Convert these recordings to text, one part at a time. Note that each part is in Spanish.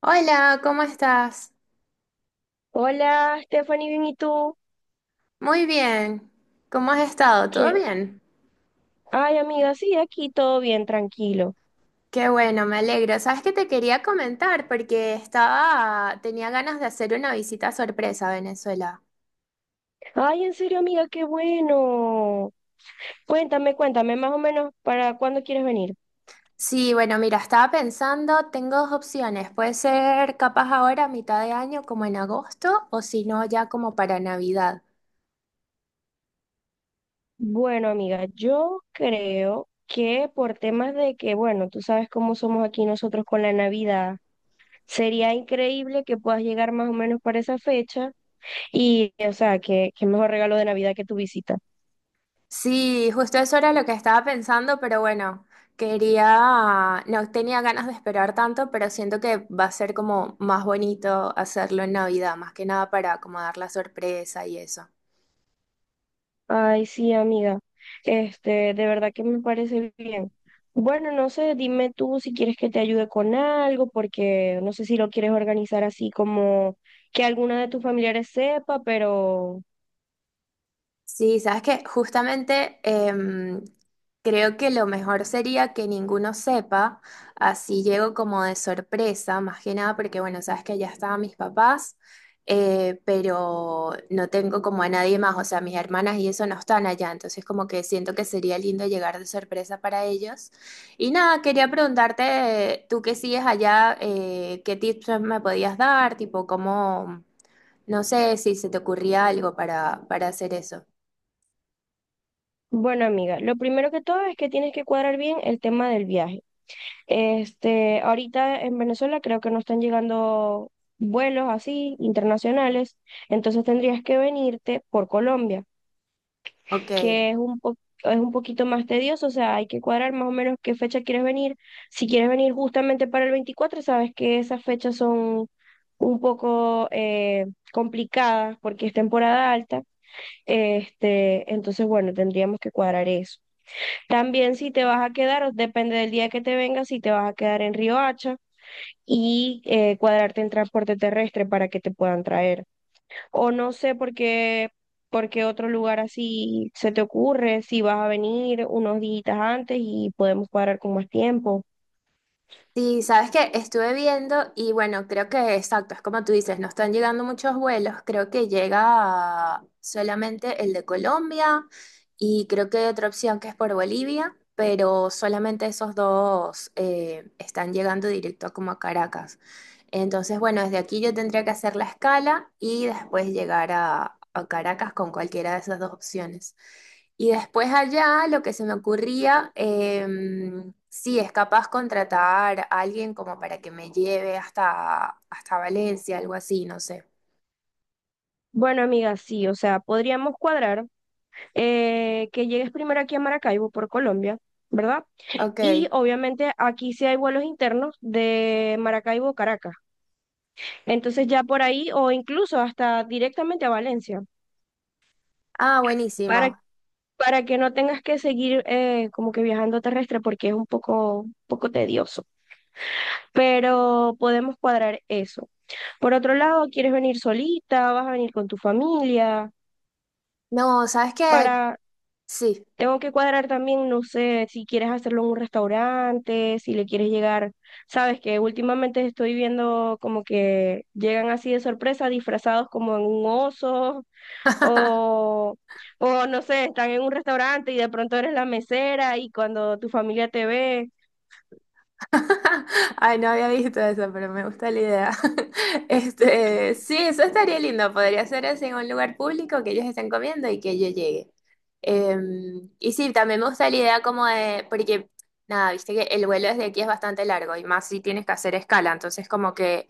Hola, ¿cómo estás? Hola, Stephanie, bien, ¿y tú? Muy bien. ¿Cómo has estado? ¿Todo ¿Qué? bien? Ay, amiga, sí, aquí todo bien, tranquilo. Qué bueno, me alegro. ¿Sabes que te quería comentar? Porque estaba, tenía ganas de hacer una visita sorpresa a Venezuela. Ay, en serio, amiga, qué bueno. Cuéntame, más o menos, ¿para cuándo quieres venir? Sí, bueno, mira, estaba pensando, tengo dos opciones. Puede ser capaz ahora a mitad de año, como en agosto, o si no, ya como para Navidad. Bueno, amiga, yo creo que por temas de que, bueno, tú sabes cómo somos aquí nosotros con la Navidad, sería increíble que puedas llegar más o menos para esa fecha y, o sea, que qué mejor regalo de Navidad que tu visita. Sí, justo eso era lo que estaba pensando, pero bueno, quería, no tenía ganas de esperar tanto, pero siento que va a ser como más bonito hacerlo en Navidad, más que nada para como dar la sorpresa y eso. Ay, sí, amiga. Este, de verdad que me parece bien. Bueno, no sé, dime tú si quieres que te ayude con algo, porque no sé si lo quieres organizar así como que alguna de tus familiares sepa, pero Sí, sabes que justamente creo que lo mejor sería que ninguno sepa, así llego como de sorpresa, más que nada porque bueno, sabes que allá estaban mis papás, pero no tengo como a nadie más, o sea, mis hermanas y eso no están allá, entonces como que siento que sería lindo llegar de sorpresa para ellos. Y nada, quería preguntarte, tú que sigues allá, ¿qué tips me podías dar? Tipo, cómo, no sé si se te ocurría algo para hacer eso. bueno, amiga, lo primero que todo es que tienes que cuadrar bien el tema del viaje. Este, ahorita en Venezuela creo que no están llegando vuelos así internacionales, entonces tendrías que venirte por Colombia. Ok. Que es un po- Es un poquito más tedioso, o sea, hay que cuadrar más o menos qué fecha quieres venir. Si quieres venir justamente para el 24, sabes que esas fechas son un poco complicadas porque es temporada alta. Este, entonces, bueno, tendríamos que cuadrar eso. También si te vas a quedar, o depende del día que te vengas, si te vas a quedar en Río Hacha y cuadrarte en transporte terrestre para que te puedan traer. O no sé por qué otro lugar así se te ocurre, si vas a venir unos días antes y podemos cuadrar con más tiempo. Sí, sabes que estuve viendo y bueno, creo que exacto, es como tú dices, no están llegando muchos vuelos, creo que llega solamente el de Colombia y creo que hay otra opción que es por Bolivia, pero solamente esos dos están llegando directo como a Caracas. Entonces, bueno, desde aquí yo tendría que hacer la escala y después llegar a Caracas con cualquiera de esas dos opciones. Y después allá lo que se me ocurría, sí, es capaz contratar a alguien como para que me lleve hasta, hasta Valencia, algo así, no sé. Bueno, amiga, sí, o sea, podríamos cuadrar que llegues primero aquí a Maracaibo por Colombia, ¿verdad? Y Ok. obviamente aquí sí hay vuelos internos de Maracaibo a Caracas. Entonces ya por ahí o incluso hasta directamente a Valencia, Ah, para, buenísimo. para que no tengas que seguir como que viajando terrestre porque es un poco tedioso. Pero podemos cuadrar eso. Por otro lado, ¿quieres venir solita? ¿Vas a venir con tu familia? No, ¿sabes qué? Para, Sí. Tengo que cuadrar también, no sé, si quieres hacerlo en un restaurante, si le quieres llegar, sabes que últimamente estoy viendo como que llegan así de sorpresa, disfrazados como en un oso o... O no sé, están en un restaurante y de pronto eres la mesera y cuando tu familia te ve, Ay, no había visto eso, pero me gusta la idea. Este, sí, eso estaría lindo. Podría ser así en un lugar público que ellos estén comiendo y que yo llegue. Eh, y sí, también me gusta la idea como de, porque nada, viste que el vuelo desde aquí es bastante largo y más si tienes que hacer escala. Entonces, como que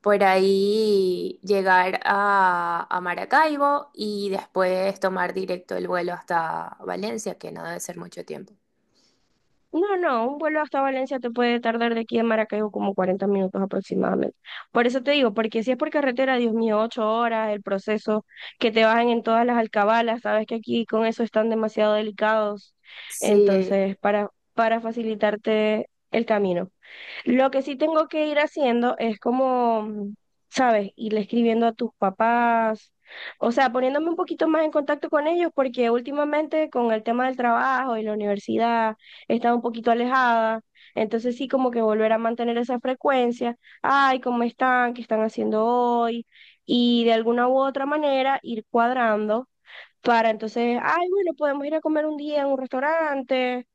por ahí llegar a Maracaibo y después tomar directo el vuelo hasta Valencia, que no debe ser mucho tiempo. no, no, un vuelo hasta Valencia te puede tardar de aquí a Maracaibo como 40 minutos aproximadamente. Por eso te digo, porque si es por carretera, Dios mío, ocho horas, el proceso, que te bajen en todas las alcabalas, sabes que aquí con eso están demasiado delicados. Sí, Entonces, para facilitarte el camino. Lo que sí tengo que ir haciendo es como, ¿sabes? Irle escribiendo a tus papás, o sea, poniéndome un poquito más en contacto con ellos, porque últimamente con el tema del trabajo y la universidad he estado un poquito alejada, entonces sí como que volver a mantener esa frecuencia, ay, ¿cómo están? ¿Qué están haciendo hoy? Y de alguna u otra manera ir cuadrando para entonces, ay, bueno, podemos ir a comer un día en un restaurante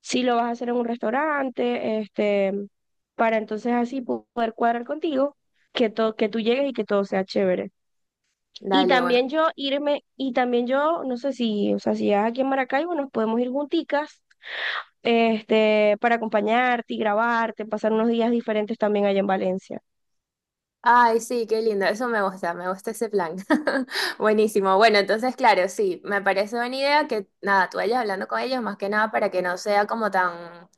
si lo vas a hacer en un restaurante, este, para entonces así poder cuadrar contigo, que todo, que tú llegues y que todo sea chévere. Y dale, bueno. también yo irme, y también yo, no sé si, o sea, si llegas aquí en Maracaibo, nos podemos ir junticas, este, para acompañarte y grabarte, pasar unos días diferentes también allá en Valencia. Ay, sí, qué lindo, eso me gusta ese plan. Buenísimo. Bueno, entonces, claro, sí, me parece buena idea que, nada, tú vayas hablando con ellos más que nada para que no sea como tan,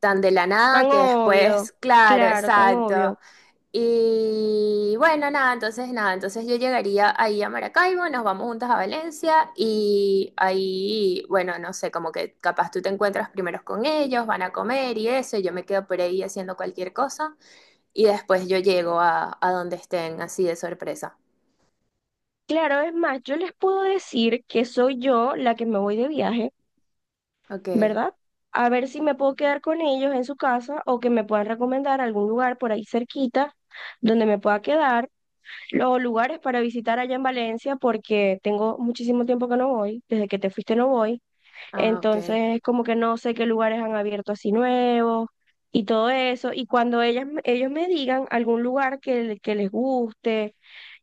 tan de la Tan nada que obvio, después, claro, claro, tan exacto. obvio. Y bueno, nada, entonces, nada, entonces yo llegaría ahí a Maracaibo, nos vamos juntas a Valencia y ahí, bueno, no sé, como que capaz tú te encuentras primero con ellos, van a comer y eso, y yo me quedo por ahí haciendo cualquier cosa. Y después yo llego a donde estén, así de sorpresa. Claro, es más, yo les puedo decir que soy yo la que me voy de viaje, Ok, ¿verdad? A ver si me puedo quedar con ellos en su casa o que me puedan recomendar algún lugar por ahí cerquita donde me pueda quedar, los lugares para visitar allá en Valencia porque tengo muchísimo tiempo que no voy, desde que te fuiste no voy, ah, ok. entonces como que no sé qué lugares han abierto así nuevos y todo eso, y cuando ellas, ellos me digan algún lugar que, que les guste,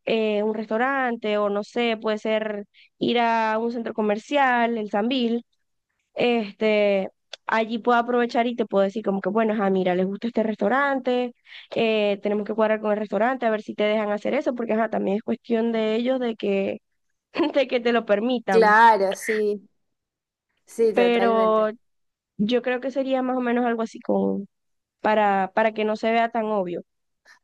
un restaurante o no sé, puede ser ir a un centro comercial, el Sambil. Este, allí puedo aprovechar y te puedo decir como que, bueno, ajá, mira, les gusta este restaurante, tenemos que cuadrar con el restaurante a ver si te dejan hacer eso, porque ajá, también es cuestión de ellos de que, de que te lo permitan. Claro, sí, sí, Pero totalmente. yo creo que sería más o menos algo así como para que no se vea tan obvio.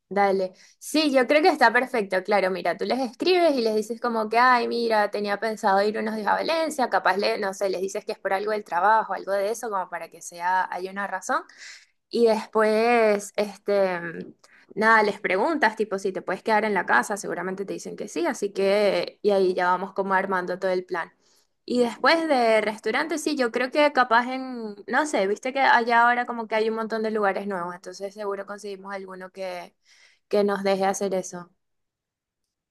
Dale. Sí, yo creo que está perfecto, claro. Mira, tú les escribes y les dices como que, ay, mira, tenía pensado ir unos días a Valencia, capaz, le, no sé, les dices que es por algo del trabajo, algo de eso, como para que sea, hay una razón. Y después, este, nada, les preguntas, tipo, si te puedes quedar en la casa, seguramente te dicen que sí, así que, y ahí ya vamos como armando todo el plan. Y después de restaurantes sí, yo creo que capaz en, no sé, viste que allá ahora como que hay un montón de lugares nuevos, entonces seguro conseguimos alguno que nos deje hacer eso.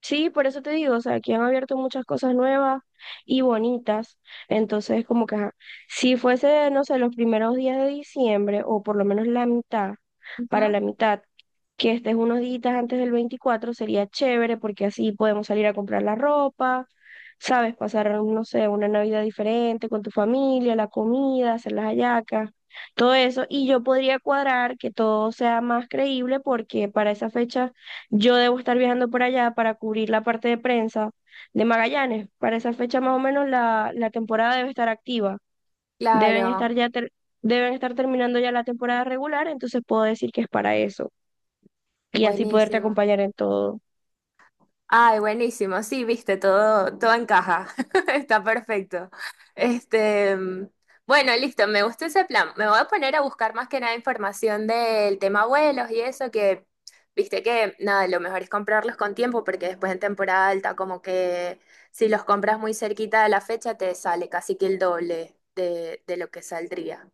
Sí, por eso te digo, o sea, aquí han abierto muchas cosas nuevas y bonitas. Entonces, como que, ajá, si fuese, no sé, los primeros días de diciembre, o por lo menos la mitad, para Ujú, la mitad, que estés unos días antes del 24, sería chévere porque así podemos salir a comprar la ropa, ¿sabes? Pasar, no sé, una Navidad diferente con tu familia, la comida, hacer las hallacas, todo eso. Y yo podría cuadrar que todo sea más creíble porque para esa fecha yo debo estar viajando por allá para cubrir la parte de prensa de Magallanes. Para esa fecha más o menos la temporada debe estar activa. Deben claro, estar ya ter- Deben estar terminando ya la temporada regular, entonces puedo decir que es para eso. Y así poderte buenísimo. acompañar en todo. Ay, buenísimo. Sí, viste, todo, todo encaja. Está perfecto. Este, bueno, listo, me gustó ese plan. Me voy a poner a buscar más que nada información del tema vuelos y eso, que viste que nada, lo mejor es comprarlos con tiempo, porque después en temporada alta, como que si los compras muy cerquita de la fecha, te sale casi que el doble de lo que saldría.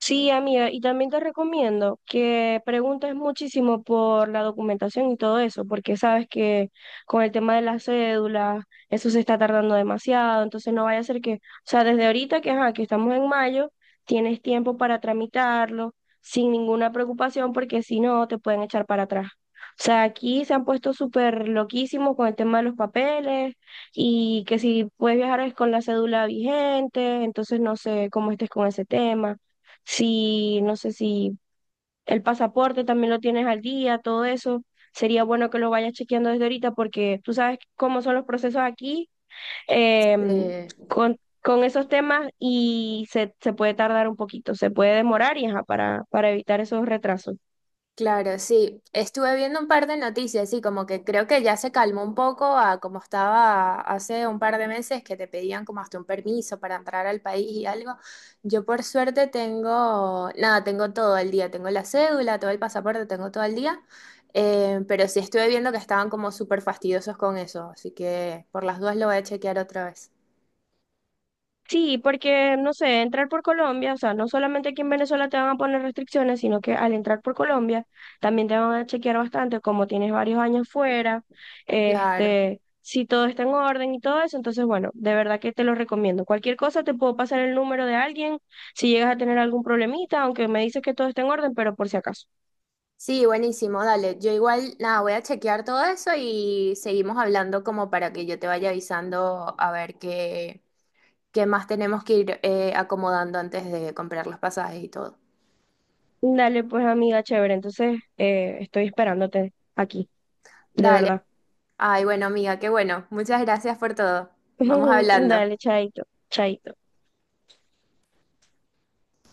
Sí, amiga, y también te recomiendo que preguntes muchísimo por la documentación y todo eso, porque sabes que con el tema de las cédulas, eso se está tardando demasiado, entonces no vaya a ser que, o sea, desde ahorita que, ajá, que estamos en mayo, tienes tiempo para tramitarlo sin ninguna preocupación, porque si no, te pueden echar para atrás. O sea, aquí se han puesto súper loquísimos con el tema de los papeles y que si puedes viajar es con la cédula vigente, entonces no sé cómo estés con ese tema, si, no sé si el pasaporte también lo tienes al día, todo eso. Sería bueno que lo vayas chequeando desde ahorita porque tú sabes cómo son los procesos aquí em, Eh, con, con esos temas y se puede tardar un poquito, se puede demorar y ajá, para evitar esos retrasos. Claro, sí. Estuve viendo un par de noticias, sí, como que creo que ya se calmó un poco a como estaba hace un par de meses que te pedían como hasta un permiso para entrar al país y algo. Yo por suerte tengo, nada, tengo todo el día, tengo la cédula, todo el pasaporte, tengo todo el día, pero sí estuve viendo que estaban como súper fastidiosos con eso, así que por las dudas lo voy a chequear otra vez. Sí, porque, no sé, entrar por Colombia, o sea, no solamente aquí en Venezuela te van a poner restricciones, sino que al entrar por Colombia también te van a chequear bastante, como tienes varios años fuera, Claro. este, si todo está en orden y todo eso, entonces, bueno, de verdad que te lo recomiendo. Cualquier cosa te puedo pasar el número de alguien si llegas a tener algún problemita, aunque me dices que todo está en orden, pero por si acaso. Sí, buenísimo, dale. Yo igual, nada, voy a chequear todo eso y seguimos hablando como para que yo te vaya avisando a ver qué, qué más tenemos que ir acomodando antes de comprar los pasajes y todo. Dale, pues, amiga, chévere, entonces estoy esperándote aquí, de Dale. verdad. Ay, bueno, amiga, qué bueno. Muchas gracias por todo. Vamos hablando. Dale, chaito, chaito.